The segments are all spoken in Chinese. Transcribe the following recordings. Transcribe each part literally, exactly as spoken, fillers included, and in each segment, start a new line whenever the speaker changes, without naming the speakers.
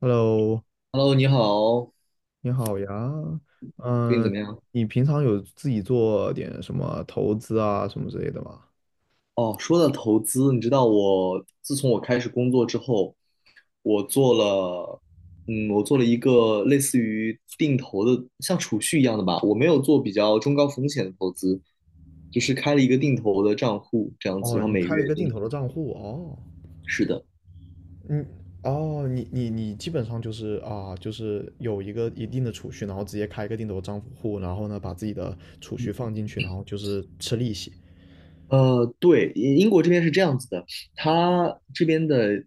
Hello，
Hello，你好，
你好呀。
最近怎
嗯，
么样？
你平常有自己做点什么投资啊，什么之类的吗？
哦，说到投资，你知道我自从我开始工作之后，我做了，嗯，我做了一个类似于定投的，像储蓄一样的吧。我没有做比较中高风险的投资，就是开了一个定投的账户这样子，
哦，
然后
你
每
开
月
了一个定
定。
投的账户哦。
是的。
嗯，哦，你你你基本上就是啊，就是有一个一定的储蓄，然后直接开一个定投账户，然后呢，把自己的储蓄放进去，然后就是吃利息。
呃，对，英英国这边是这样子的，它这边的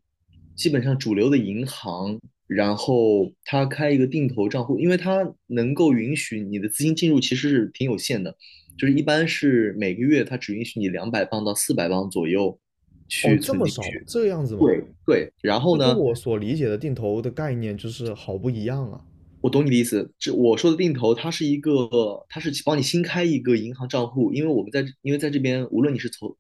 基本上主流的银行，然后它开一个定投账户，因为它能够允许你的资金进入其实是挺有限的，就是一般是每个月它只允许你两百磅到四百磅左右
哦，
去
这
存
么
进
少吗？
去。
这样子吗？
对对，然
这
后
跟
呢，
我所理解的定投的概念就是好不一样啊。
我懂你的意思，这我说的定投，它是一个，它是帮你新开一个银行账户，因为我们在，因为在这边，无论你是存，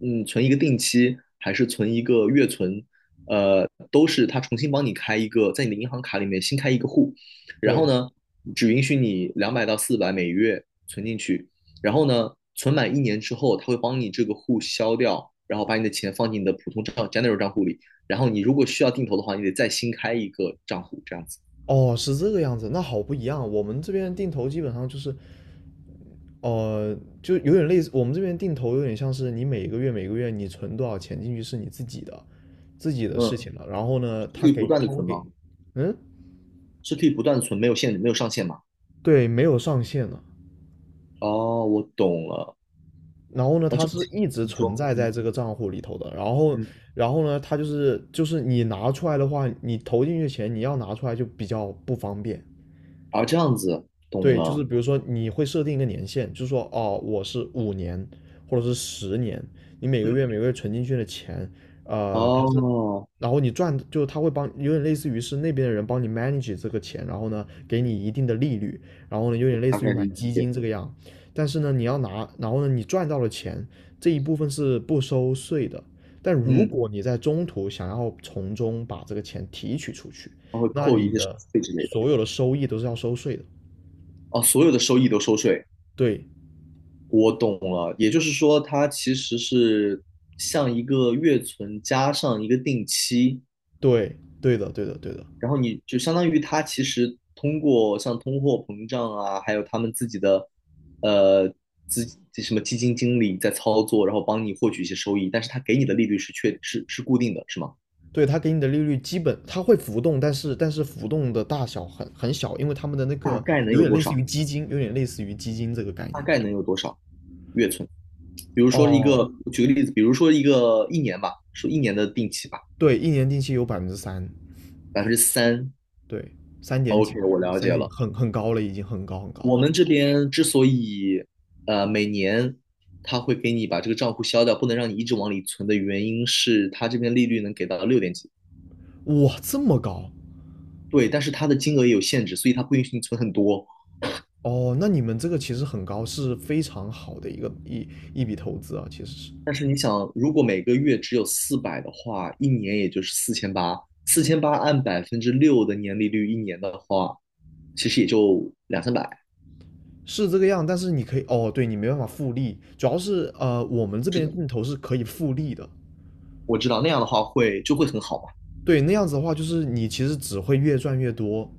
嗯，存一个定期，还是存一个月存，呃，都是它重新帮你开一个，在你的银行卡里面新开一个户，然后
对，
呢，只允许你两百到四百每月存进去，然后呢，存满一年之后，它会帮你这个户消掉，然后把你的钱放进你的普通账 general 账户里，然后你如果需要定投的话，你得再新开一个账户，这样子。
哦，是这个样子，那好不一样。我们这边定投基本上就是。呃，就有点类似我们这边定投，有点像是你每个月每个月你存多少钱进去是你自己的，自己的事
嗯，
情了。然后呢，他
可以不
给
断的
他会
存
给，
吗？
嗯，
是可以不断的存，没有限，没有上限吗？
对，没有上限的。
哦，我懂了。
然后呢，
那这
它
样
是
子
一直
你
存
说，
在
嗯
在这个账户里头的。然后，
嗯，
然后呢，它就是就是你拿出来的话，你投进去的钱你要拿出来就比较不方便。
啊，这样子懂
对，就是
了。
比如说你会设定一个年限，就是说哦，我是五年或者是十年，你每个月每个月存进去的钱，呃，它是，
哦，
然后你赚，就是他会帮，有点类似于是那边的人帮你 manage 这个钱，然后呢，给你一定的利率，然后呢，有点
我
类
大
似于
概
买
理
基
解。
金这个样，但是呢，你要拿，然后呢，你赚到了钱这一部分是不收税的，但如
嗯，
果你在中途想要从中把这个钱提取出去，
它会
那
扣一
你
些手
的
续费之类的。
所有的收益都是要收税的。
哦，所有的收益都收税，
对，
我懂了。也就是说，它其实是像一个月存加上一个定期，
对，对的，对的，对的，
然后你就相当于他其实通过像通货膨胀啊，还有他们自己的呃资什么基金经理在操作，然后帮你获取一些收益，但是他给你的利率是确是是固定的，是吗？
对，它给你的利率基本它会浮动，但是但是浮动的大小很很小，因为他们的那
大
个
概能
有
有
点
多
类似
少？
于基金，有点类似于基金这个概
大
念。
概能有多少月存？比如说一
哦，
个，举个例子，比如说一个一年吧，说一年的定期吧，
对，一年定期有百分之三，
百分之三。
对，三点几，
OK，我了
三
解
点几
了。
很很高了，已经很高很高。
我们这边之所以呃每年他会给你把这个账户消掉，不能让你一直往里存的原因是，他这边利率能给到六点几，
哇，这么高
对，但是它的金额也有限制，所以它不允许你存很多。
哦，那你们这个其实很高，是非常好的一个一一笔投资啊，其实是
但是你想，如果每个月只有四百的话，一年也就是四千八，四千八按百分之六的年利率，一年的话，其实也就两三百。
是这个样，但是你可以哦，对你没办法复利，主要是呃，我们这
是
边
的，
定投是可以复利的，
我知道那样的话会就会很好嘛。
对，那样子的话，就是你其实只会越赚越多，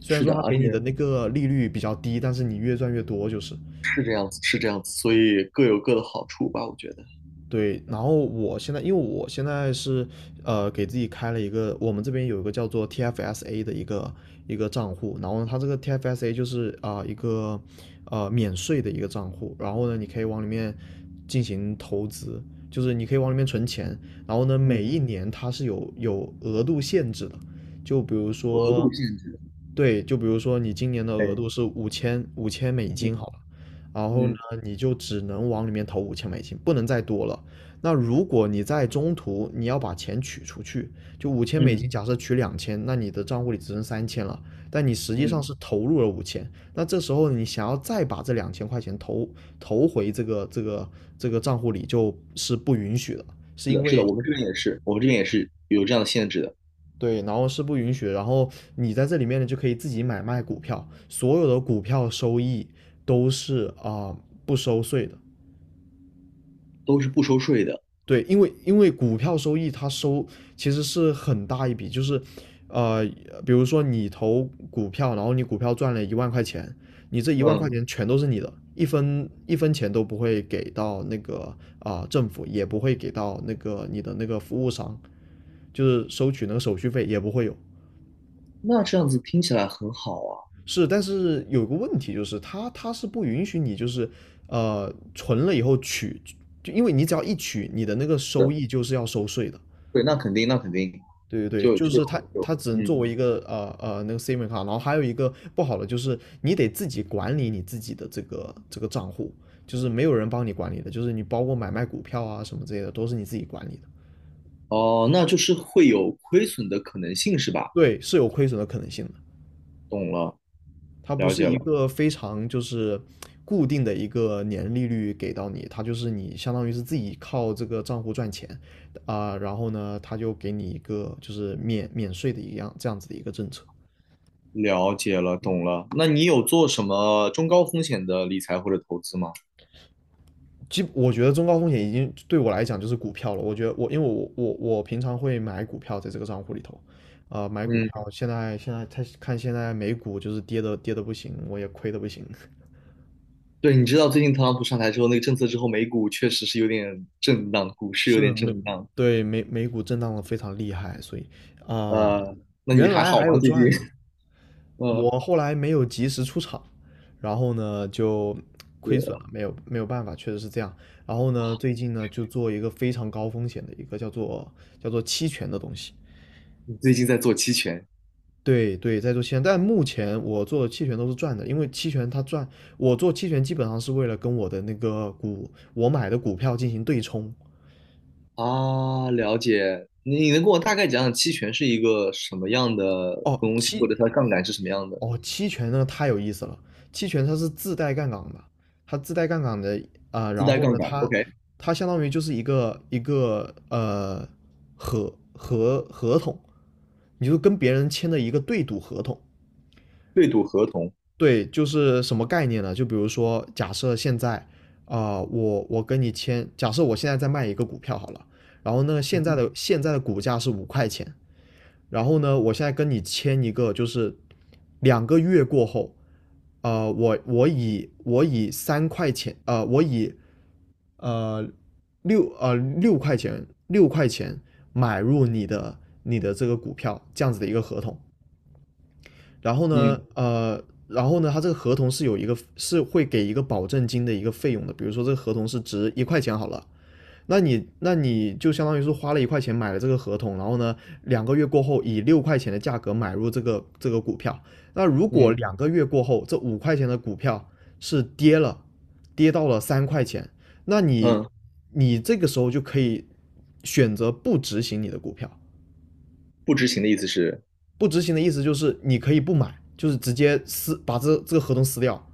虽然
是
说
的，
他
而
给你的
且
那个利率比较低，但是你越赚越多就是。
是这样子，是这样子，所以各有各的好处吧，我觉得。
对，然后我现在，因为我现在是呃给自己开了一个，我们这边有一个叫做 T F S A 的一个一个账户，然后呢，它这个 T F S A 就是啊、呃一个呃免税的一个账户，然后呢，你可以往里面进行投资，就是你可以往里面存钱，然后呢，每
嗯。
一年它是有有额度限制的，就比如
额度
说，
限制。
对，就比如说你今年的额
对，
度是五千五千美金
嗯
好了，然后呢，
嗯
你就只能往里面投五千美金，不能再多了。那如果你在中途你要把钱取出去，就五千美
嗯
金，假设取两千，那你的账户里只剩三千了，但你实际
嗯，
上是投入了五千，那这时候你想要再把这两千块钱投投回这个这个这个账户里，就是不允许的，是
是
因
的，是的，
为。
我们这边也是，我们这边也是有这样的限制的，
对，然后是不允许的，然后你在这里面呢就可以自己买卖股票，所有的股票收益都是啊、不收税的，
都是不收税的。
对，因为因为股票收益它收其实是很大一笔，就是，呃，比如说你投股票，然后你股票赚了一万块钱，你这一万块
嗯，
钱全都是你的，一分一分钱都不会给到那个啊、政府，也不会给到那个你的那个服务商，就是收取那个手续费也不会有。
那这样子听起来很好啊。
是，但是有个问题就是它它是不允许你就是呃存了以后取，就因为你只要一取，你的那个收
对，
益就是要收税的。
对，那肯定，那肯定
对对对，
就
就
就
是它，它
就
只能作
嗯，
为一个呃呃那个 SIM 卡，然后还有一个不好的就是你得自己管理你自己的这个这个账户，就是没有人帮你管理的，就是你包括买卖股票啊什么之类的都是你自己管理的，
哦，那就是会有亏损的可能性是吧？
对，是有亏损的可能性的，
懂了，
它不
了
是
解
一
了，
个非常就是固定的一个年利率给到你，它就是你相当于是自己靠这个账户赚钱啊、呃然后呢，它就给你一个就是免免税的一样这样子的一个政策。
了解了，懂了。那你有做什么中高风险的理财或者投资吗？
基我觉得中高风险已经对我来讲就是股票了。我觉得我因为我我我平常会买股票在这个账户里头，啊、买股票。
嗯，
现在现在他看现在美股就是跌的跌的不行，我也亏的不行。
对，你知道最近特朗普上台之后那个政策之后，美股确实是有点震荡，股市有
是
点
美
震荡。
对美美股震荡的非常厉害，所以啊、
呃，那你
原
还
来
好
还
吗？
有
最近？
赚的，
嗯，
我后来没有及时出场，然后呢就亏损
对，
了，没有没有办法，确实是这样。然后呢，最近呢就做一个非常高风险的一个叫做叫做期权的东西。
你最近在做期权
对对，在做期权，但目前我做期权都是赚的，因为期权它赚，我做期权基本上是为了跟我的那个股，我买的股票进行对冲。
啊？了解。你你能跟我大概讲讲期权是一个什么样的
哦，
东西，或
期
者它的杠杆是什么样的？
哦，期权呢太有意思了，期权它是自带杠杆的，它自带杠杆的啊、呃
自
然
带
后
杠
呢，
杆
它
，OK，
它相当于就是一个一个呃合合合同，你就跟别人签的一个对赌合同，
对赌合同。
对，就是什么概念呢？就比如说，假设现在啊、呃我我跟你签，假设我现在在卖一个股票好了，然后呢，现在的现在的股价是五块钱，然后呢，我现在跟你签一个，就是两个月过后，呃，我我以我以三块钱，呃，我以呃六呃六块钱六块钱买入你的你的这个股票这样子的一个合同，然后
嗯
呢，呃，然后呢，它这个合同是有一个是会给一个保证金的一个费用的，比如说这个合同是值一块钱好了，那你那你就相当于是花了一块钱买了这个合同，然后呢，两个月过后以六块钱的价格买入这个这个股票，那如果
嗯
两个月过后这五块钱的股票是跌了，跌到了三块钱，那你
嗯，
你这个时候就可以选择不执行你的股票。
不执行的意思是
不执行的意思就是你可以不买，就是直接撕把这这个合同撕掉。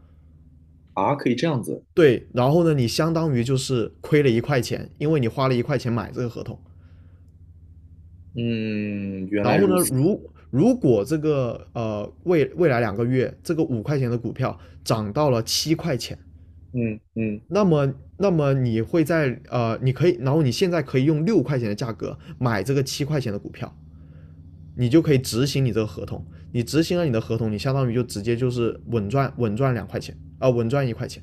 啊，可以这样子。
对，然后呢，你相当于就是亏了一块钱，因为你花了一块钱买这个合同。
嗯，原
然
来
后
如
呢，
此。
如如果这个呃未未来两个月这个五块钱的股票涨到了七块钱，
嗯嗯
那么那么你会在呃你可以，然后你现在可以用六块钱的价格买这个七块钱的股票，你就可以执行你这个合同。你执行了你的合同，你相当于就直接就是稳赚稳赚两块钱啊、呃稳赚一块钱。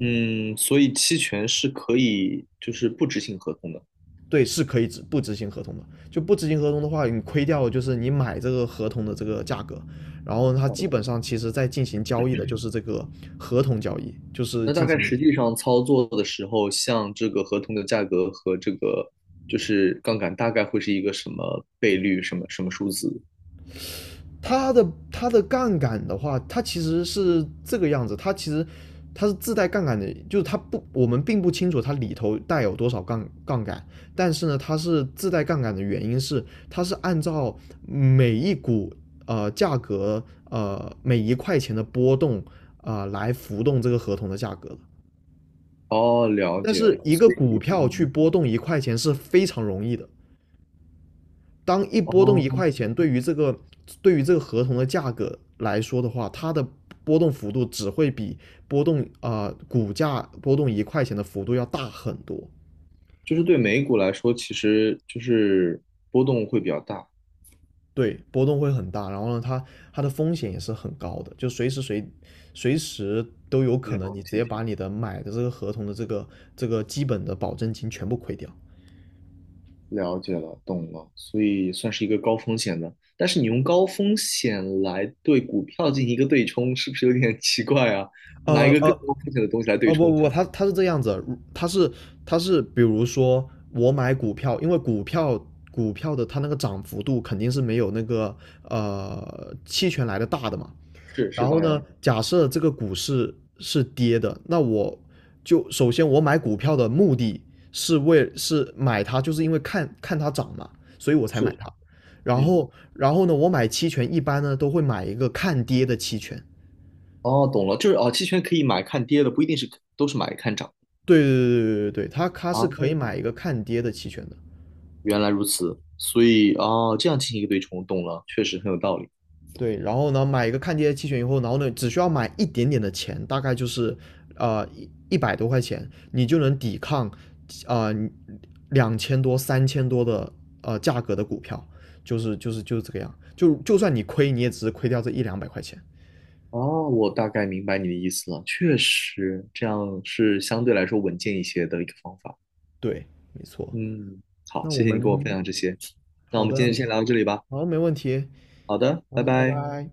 嗯，所以期权是可以就是不执行合同的。
对，是可以执不执行合同的。就不执行合同的话，你亏掉的就是你买这个合同的这个价格，然后它基本上其实在进行交易的就是这个合同交易，就是
那大
进
概
行
实际上操作的时候，像这个合同的价格和这个就是杠杆，大概会是一个什么倍率，什么什么数字？
它的它的杠杆的话，它其实是这个样子，它其实它是自带杠杆的，就是它不，我们并不清楚它里头带有多少杠杠杆，但是呢，它是自带杠杆的原因是，它是按照每一股呃价格呃每一块钱的波动啊、呃、来浮动这个合同的价格的。
哦，了
但
解
是
了。
一个
所
股
以，
票去
嗯，
波动一块钱是非常容易的，当一波动一
哦，
块钱，对于这个对于这个合同的价格来说的话，它的波动幅度只会比波动啊、呃股价波动一块钱的幅度要大很多。
就是对美股来说，其实就是波动会比较大。
对，波动会很大，然后呢，它它的风险也是很高的，就随时随随时都有可
了
能你直接
解，
把你的买的这个合同的这个这个基本的保证金全部亏掉。
了解了，懂了。所以算是一个高风险的，但是你用高风险来对股票进行一个对冲，是不是有点奇怪啊？拿一
呃
个更
呃，
高风险的东西来对
哦不
冲？
不，他他是这样子，他是他是，比如说我买股票，因为股票股票的它那个涨幅度肯定是没有那个呃期权来的大的嘛。
是是，
然后
当
呢，
然
假设这个股市是跌的，那我就首先我买股票的目的是为是买它，就是因为看看它涨嘛，所以我才买
是，
它。然
嗯。
后然后呢，我买期权一般呢都会买一个看跌的期权。
哦，懂了，就是哦，期权可以买看跌的，不一定是都是买看涨
对对对对对对，它它
啊。
是可以
哦
买一个看跌的期权的，
原来如此，所以哦，这样进行一个对冲，懂了，确实很有道理。
对，然后呢，买一个看跌的期权以后，然后呢，只需要买一点点的钱，大概就是呃一一百多块钱，你就能抵抗呃两千多、三千多的呃价格的股票，就是就是就是这个样，就就算你亏，你也只是亏掉这一两百块钱，
哦，我大概明白你的意思了，确实这样是相对来说稳健一些的一个方法。
对，没错。
嗯，好，
那我
谢谢你跟我分
们
享这些，那我
好
们今
的，
天先聊到这里吧。
好，没问题，
好的，拜
好，拜
拜。
拜。